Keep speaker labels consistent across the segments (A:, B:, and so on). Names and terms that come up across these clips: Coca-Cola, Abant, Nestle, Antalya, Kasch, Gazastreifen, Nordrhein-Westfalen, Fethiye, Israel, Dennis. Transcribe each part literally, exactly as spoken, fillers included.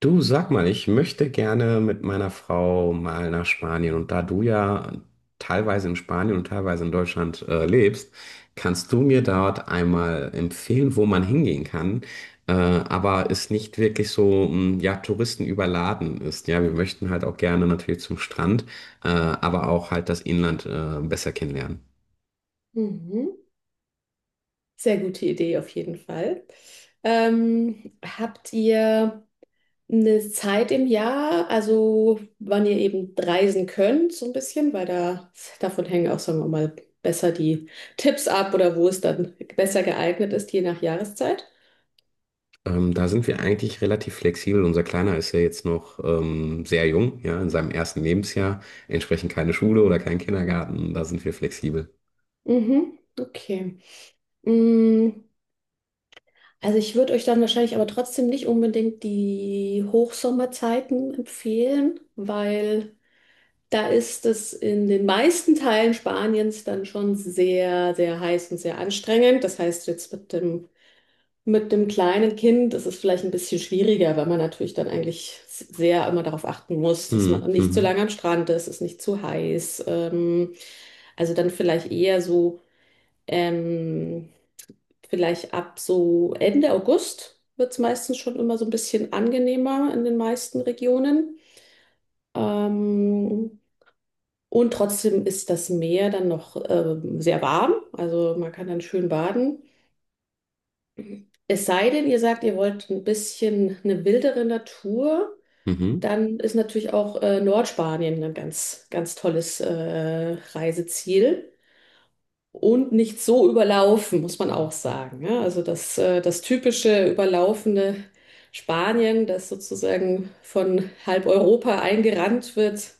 A: Du, sag mal, ich möchte gerne mit meiner Frau mal nach Spanien. Und da du ja teilweise in Spanien und teilweise in Deutschland äh, lebst, kannst du mir dort einmal empfehlen, wo man hingehen kann, äh, aber es nicht wirklich so, mh, ja, Touristen überladen ist. Ja, wir möchten halt auch gerne natürlich zum Strand, äh, aber auch halt das Inland äh, besser kennenlernen.
B: Mhm. Sehr gute Idee auf jeden Fall. Ähm, habt ihr eine Zeit im Jahr, also wann ihr eben reisen könnt, so ein bisschen? Weil da davon hängen auch, sagen wir mal, besser die Tipps ab, oder wo es dann besser geeignet ist, je nach Jahreszeit?
A: Ähm, da sind wir eigentlich relativ flexibel. Unser Kleiner ist ja jetzt noch ähm, sehr jung, ja, in seinem ersten Lebensjahr. Entsprechend keine Schule oder kein Kindergarten. Da sind wir flexibel.
B: Mhm, okay. Mm, also ich würde euch dann wahrscheinlich aber trotzdem nicht unbedingt die Hochsommerzeiten empfehlen, weil da ist es in den meisten Teilen Spaniens dann schon sehr, sehr heiß und sehr anstrengend. Das heißt, jetzt mit dem, mit dem kleinen Kind ist es vielleicht ein bisschen schwieriger, weil man natürlich dann eigentlich sehr immer darauf achten muss, dass
A: Mhm,
B: man nicht zu
A: mhm,
B: lange am Strand ist, es ist nicht zu heiß. Ähm, also dann vielleicht eher so, ähm, Vielleicht ab so Ende August wird es meistens schon immer so ein bisschen angenehmer in den meisten Regionen. Ähm, und trotzdem ist das Meer dann noch ähm, sehr warm, also man kann dann schön baden. Es sei denn, ihr sagt, ihr wollt ein bisschen eine wildere Natur,
A: mhm,
B: dann ist natürlich auch äh, Nordspanien ein ganz, ganz tolles äh, Reiseziel und nicht so überlaufen, muss man auch sagen. Ja, also das, äh, das typische überlaufende Spanien, das sozusagen von halb Europa eingerannt wird,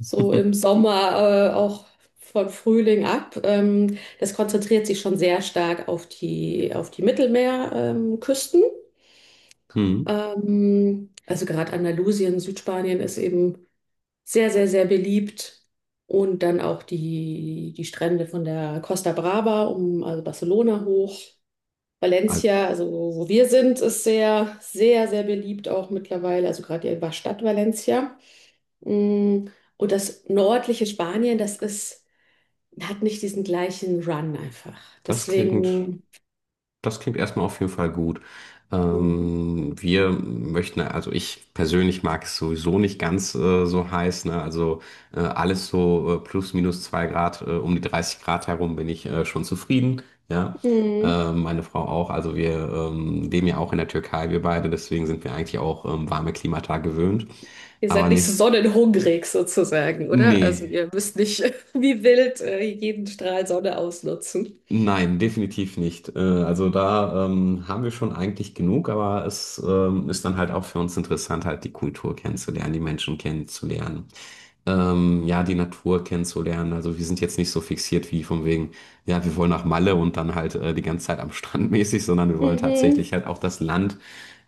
B: so im Sommer, äh, auch von Frühling ab. Ähm, das konzentriert sich schon sehr stark auf die, auf die Mittelmeerküsten. Ähm, Küsten.
A: mhm.
B: Ähm, also gerade Andalusien, Südspanien ist eben sehr, sehr, sehr beliebt. Und dann auch die, die Strände von der Costa Brava, um, also Barcelona hoch.
A: Also,
B: Valencia, also wo wir sind, ist sehr, sehr, sehr beliebt auch mittlerweile, also gerade die Stadt Valencia. Mm, und das nördliche Spanien, das ist, hat nicht diesen gleichen Run einfach.
A: das klingt.
B: Deswegen,
A: Das klingt erstmal auf jeden Fall gut.
B: mhm.
A: Ähm, wir möchten, also ich persönlich mag es sowieso nicht ganz äh, so heiß, ne? Also äh, alles so äh, plus minus zwei Grad, äh, um die dreißig Grad herum bin ich äh, schon zufrieden, ja.
B: Mhm.
A: Ähm, meine Frau auch. Also wir ähm, leben ja auch in der Türkei, wir beide, deswegen sind wir eigentlich auch ähm, warme Klimata gewöhnt.
B: Ihr
A: Aber
B: seid nicht so
A: nicht,
B: sonnenhungrig sozusagen, oder? Also
A: nee.
B: ihr müsst nicht wie wild äh, jeden Strahl Sonne ausnutzen.
A: Nein, definitiv nicht. Äh, Also da ähm, haben wir schon eigentlich genug, aber es ähm, ist dann halt auch für uns interessant, halt die Kultur kennenzulernen, die Menschen kennenzulernen, ähm, ja, die Natur kennenzulernen. Also wir sind jetzt nicht so fixiert wie von wegen, ja, wir wollen nach Malle und dann halt äh, die ganze Zeit am Strand mäßig, sondern wir wollen tatsächlich
B: Mhm.
A: halt auch das Land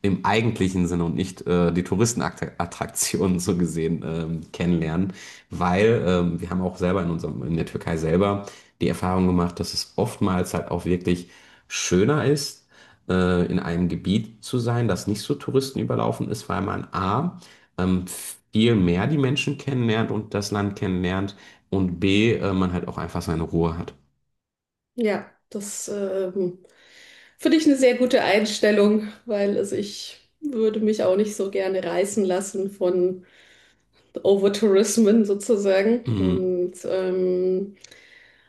A: im eigentlichen Sinne und nicht äh, die Touristenattraktionen so gesehen ähm, kennenlernen, weil ähm, wir haben auch selber in unserem, in der Türkei selber die Erfahrung gemacht, dass es oftmals halt auch wirklich schöner ist, äh, in einem Gebiet zu sein, das nicht so touristenüberlaufen ist, weil man A, ähm, viel mehr die Menschen kennenlernt und das Land kennenlernt und B, äh, man halt auch einfach seine Ruhe hat.
B: Ja, das ähm, finde ich eine sehr gute Einstellung, weil also ich würde mich auch nicht so gerne reißen lassen von Overtourismen sozusagen.
A: Mhm.
B: Und ähm,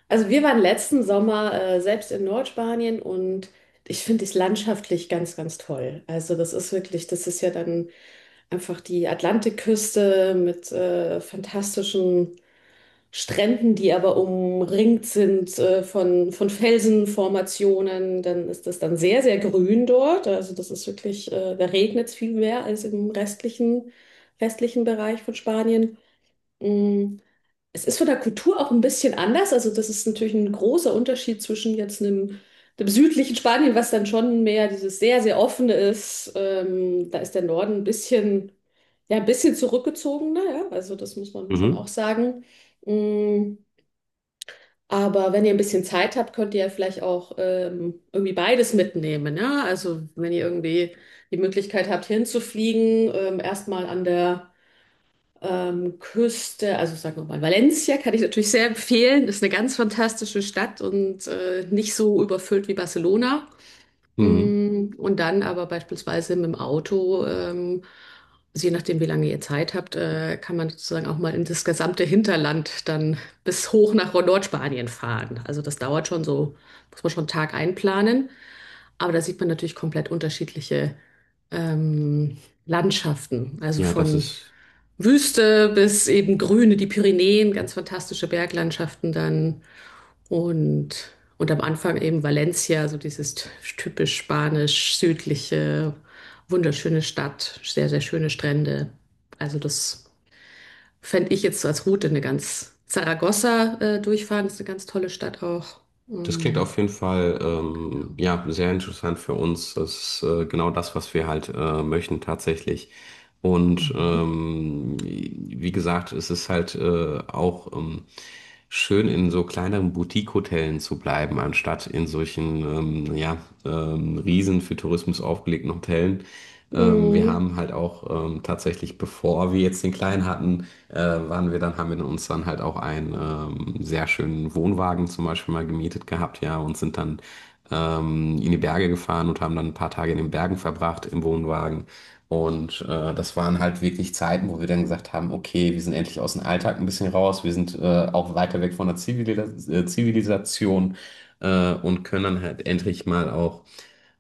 B: also wir waren letzten Sommer äh, selbst in Nordspanien und ich finde es landschaftlich ganz, ganz toll. Also das ist wirklich, das ist ja dann einfach die Atlantikküste mit äh, fantastischen Stränden, die aber umringt sind äh, von, von Felsenformationen, dann ist das dann sehr, sehr grün dort. Also das ist wirklich, äh, da regnet es viel mehr als im restlichen, restlichen Bereich von Spanien. Mm, es ist von der Kultur auch ein bisschen anders. Also das ist natürlich ein großer Unterschied zwischen jetzt einem, dem südlichen Spanien, was dann schon mehr dieses sehr, sehr offene ist. Ähm, da ist der Norden ein bisschen, ja, ein bisschen zurückgezogener, ja. Also das muss man schon
A: Mhm.
B: auch sagen. Mm, aber wenn ihr ein bisschen Zeit habt, könnt ihr ja vielleicht auch ähm, irgendwie beides mitnehmen, ja. Also wenn ihr irgendwie die Möglichkeit habt, hinzufliegen, ähm, erstmal an der ähm, Küste, also sagen wir mal, Valencia kann ich natürlich sehr empfehlen. Ist eine ganz fantastische Stadt und äh, nicht so überfüllt wie Barcelona.
A: Mhm.
B: Mm, und dann aber beispielsweise mit dem Auto, ähm, also je nachdem, wie lange ihr Zeit habt, äh, kann man sozusagen auch mal in das gesamte Hinterland dann bis hoch nach Nordspanien fahren. Also das dauert schon so, muss man schon einen Tag einplanen. Aber da sieht man natürlich komplett unterschiedliche ähm, Landschaften. Also
A: Ja, das
B: von
A: ist.
B: Wüste bis eben Grüne, die Pyrenäen, ganz fantastische Berglandschaften dann. Und, und am Anfang eben Valencia, so dieses t- typisch spanisch-südliche, wunderschöne Stadt, sehr, sehr schöne Strände. Also das fände ich jetzt so als Route eine ganz Zaragoza äh, durchfahren, ist eine ganz tolle Stadt auch.
A: Das klingt auf
B: Ähm,
A: jeden Fall ähm,
B: genau.
A: ja sehr interessant für uns. Das ist äh, genau das, was wir halt äh, möchten tatsächlich. Und
B: Mhm.
A: ähm, wie gesagt, es ist halt äh, auch ähm, schön, in so kleineren Boutique-Hotellen zu bleiben, anstatt in solchen ähm, ja ähm, riesen für Tourismus aufgelegten Hotellen. Ähm, wir
B: Mhm.
A: haben halt auch ähm, tatsächlich, bevor wir jetzt den Kleinen hatten, äh, waren wir dann, haben wir uns dann halt auch einen ähm, sehr schönen Wohnwagen zum Beispiel mal gemietet gehabt, ja, und sind dann ähm, in die Berge gefahren und haben dann ein paar Tage in den Bergen verbracht im Wohnwagen. Und äh, das waren halt wirklich Zeiten, wo wir dann gesagt haben, okay, wir sind endlich aus dem Alltag ein bisschen raus, wir sind äh, auch weiter weg von der Zivilis äh, Zivilisation äh, und können dann halt endlich mal auch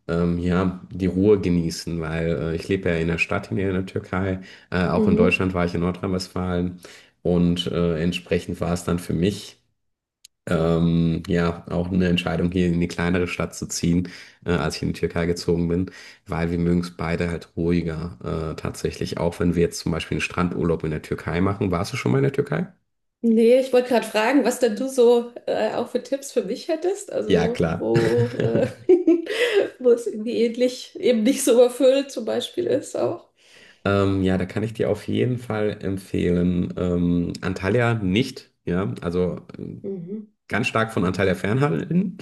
A: ähm, ja, die Ruhe genießen, weil äh, ich lebe ja in der Stadt hier in der Türkei. Äh, auch in
B: Mhm.
A: Deutschland war ich in Nordrhein-Westfalen und äh, entsprechend war es dann für mich ähm, ja auch eine Entscheidung, hier in die kleinere Stadt zu ziehen, äh, als ich in die Türkei gezogen bin, weil wir mögen es beide halt ruhiger äh, tatsächlich. Auch wenn wir jetzt zum Beispiel einen Strandurlaub in der Türkei machen. Warst du schon mal in der Türkei?
B: Nee, ich wollte gerade fragen, was denn du so äh, auch für Tipps für mich hättest.
A: Ja,
B: Also
A: klar.
B: wo, äh, wo es irgendwie ähnlich, eben nicht so überfüllt zum Beispiel ist auch.
A: Ähm, ja, da kann ich dir auf jeden Fall empfehlen. Ähm, Antalya nicht, ja. Also
B: Mhm.
A: ganz stark von Anteil der Fernhandeln.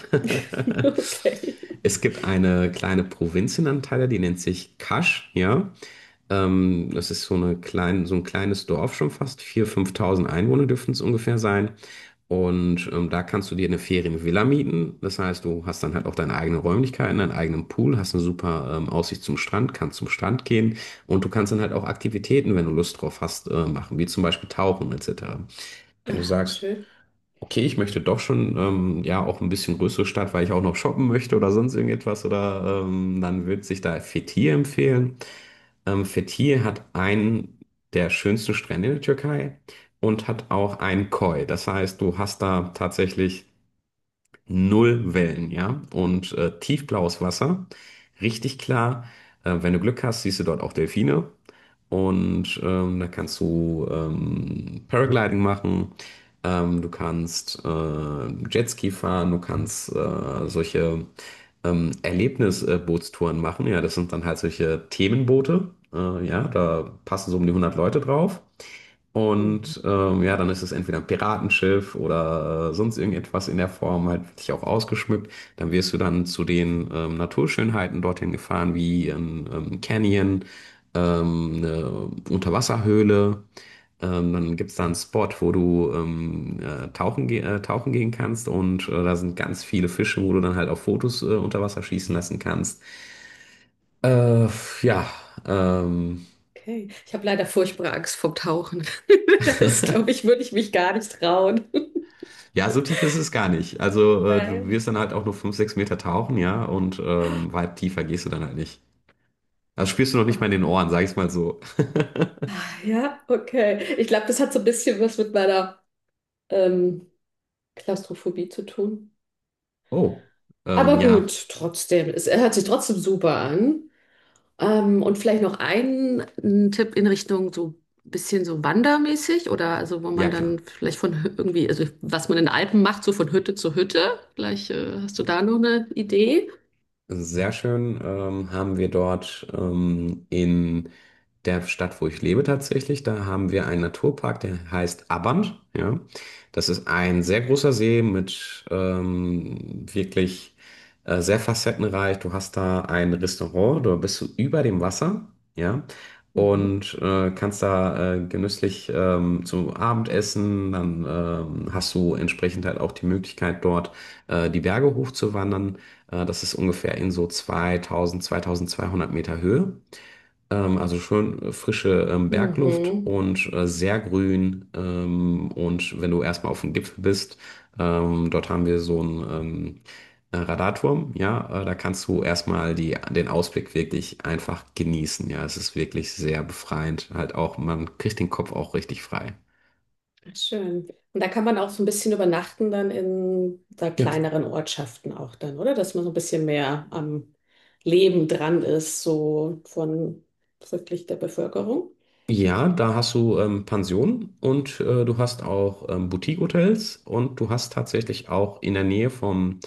B: Okay.
A: Es gibt eine kleine Provinz in Antalya, die nennt sich Kasch, ja. Ähm, das ist so eine klein, so ein kleines Dorf schon fast. viertausend, fünftausend Einwohner dürften es ungefähr sein. Und ähm, da kannst du dir eine Ferienvilla mieten. Das heißt, du hast dann halt auch deine eigenen Räumlichkeiten, deinen eigenen Pool, hast eine super ähm, Aussicht zum Strand, kannst zum Strand gehen und du kannst dann halt auch Aktivitäten, wenn du Lust drauf hast, äh, machen, wie zum Beispiel Tauchen et cetera. Wenn du
B: Aha,
A: sagst,
B: schön.
A: okay, ich möchte doch schon ähm, ja auch ein bisschen größere Stadt, weil ich auch noch shoppen möchte oder sonst irgendetwas oder ähm, dann würde sich da Fethiye empfehlen. Ähm, Fethiye hat einen der schönsten Strände in der Türkei und hat auch einen Koi. Das heißt, du hast da tatsächlich null Wellen, ja. Und äh, tiefblaues Wasser, richtig klar. Äh, wenn du Glück hast, siehst du dort auch Delfine. Und ähm, da kannst du ähm, Paragliding machen, ähm, du kannst äh, Jetski fahren, du kannst äh, solche ähm, Erlebnisbootstouren machen. Ja, das sind dann halt solche Themenboote. Äh, ja, da passen so um die hundert Leute drauf.
B: Mhm.
A: Und ähm, ja, dann ist es entweder ein Piratenschiff oder äh, sonst irgendetwas in der Form, halt wirklich auch ausgeschmückt. Dann wirst du dann zu den ähm, Naturschönheiten dorthin gefahren, wie ein ähm, Canyon, ähm, eine Unterwasserhöhle. Ähm, dann gibt es da einen Spot, wo du ähm, äh, tauchen, ge äh, tauchen gehen kannst und äh, da sind ganz viele Fische, wo du dann halt auch Fotos äh, unter Wasser schießen lassen kannst. Äh, ja, ähm.
B: Okay. Ich habe leider furchtbare Angst vom Tauchen. Das, glaube ich, würde ich mich gar nicht trauen.
A: Ja, so tief ist es gar nicht. Also äh, du
B: Nein.
A: wirst dann halt auch nur fünf, sechs Meter tauchen, ja, und ähm, weit tiefer gehst du dann halt nicht. Das spürst du noch nicht mal in den
B: Ah,
A: Ohren, sag ich's mal so.
B: ja, okay. Ich glaube, das hat so ein bisschen was mit meiner ähm, Klaustrophobie zu tun.
A: Oh, ähm,
B: Aber
A: ja,
B: gut, trotzdem, es hört sich trotzdem super an. Ähm, und vielleicht noch ein, ein Tipp in Richtung so ein bisschen so wandermäßig, oder also wo
A: ja
B: man
A: klar.
B: dann vielleicht von Hü- irgendwie, also was man in den Alpen macht, so von Hütte zu Hütte. Vielleicht äh, hast du da noch eine Idee?
A: Sehr schön ähm, haben wir dort ähm, in der Stadt, wo ich lebe tatsächlich, da haben wir einen Naturpark, der heißt Abant. Ja. Das ist ein sehr großer See mit ähm, wirklich äh, sehr facettenreich. Du hast da ein Restaurant, da bist du über dem Wasser, ja,
B: Mhm.
A: und äh, kannst da äh, genüsslich ähm, zu Abend essen. Dann ähm, hast du entsprechend halt auch die Möglichkeit, dort äh, die Berge hochzuwandern. Äh, das ist ungefähr in so zweitausend, zweitausendzweihundert Meter Höhe. Ähm, also schön äh, frische ähm, Bergluft
B: Mhm.
A: und äh, sehr grün. Ähm, und wenn du erstmal auf dem Gipfel bist, ähm, dort haben wir so einen ähm, äh, Radarturm. Ja, äh, da kannst du erstmal die, den Ausblick wirklich einfach genießen. Ja, es ist wirklich sehr befreiend. Halt auch, man kriegt den Kopf auch richtig frei.
B: Ach, schön. Und da kann man auch so ein bisschen übernachten dann in da
A: Ja, klar.
B: kleineren Ortschaften auch dann, oder? Dass man so ein bisschen mehr am Leben dran ist, so von wirklich der Bevölkerung.
A: Ja, da hast du ähm, Pensionen und äh, du hast auch ähm, Boutique-Hotels und du hast tatsächlich auch in der Nähe vom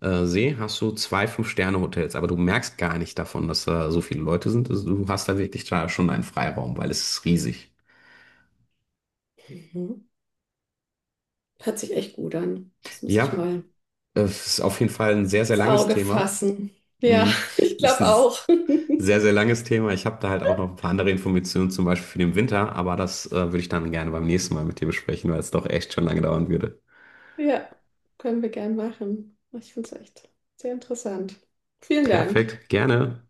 A: äh, See hast du zwei Fünf-Sterne-Hotels, aber du merkst gar nicht davon, dass da so viele Leute sind. Also du hast da wirklich da schon einen Freiraum, weil es ist riesig.
B: Mhm. Hört sich echt gut an. Das muss ich
A: Ja,
B: mal
A: äh, es ist auf jeden Fall ein sehr, sehr
B: ins
A: langes
B: Auge
A: Thema.
B: fassen. Ja,
A: Mhm.
B: ich
A: Es
B: glaube
A: ist
B: auch.
A: ein sehr, sehr langes Thema. Ich habe da halt auch noch ein paar andere Informationen, zum Beispiel für den Winter, aber das äh, würde ich dann gerne beim nächsten Mal mit dir besprechen, weil es doch echt schon lange dauern würde.
B: Ja, können wir gern machen. Ich finde es echt sehr interessant. Vielen Dank.
A: Perfekt, gerne.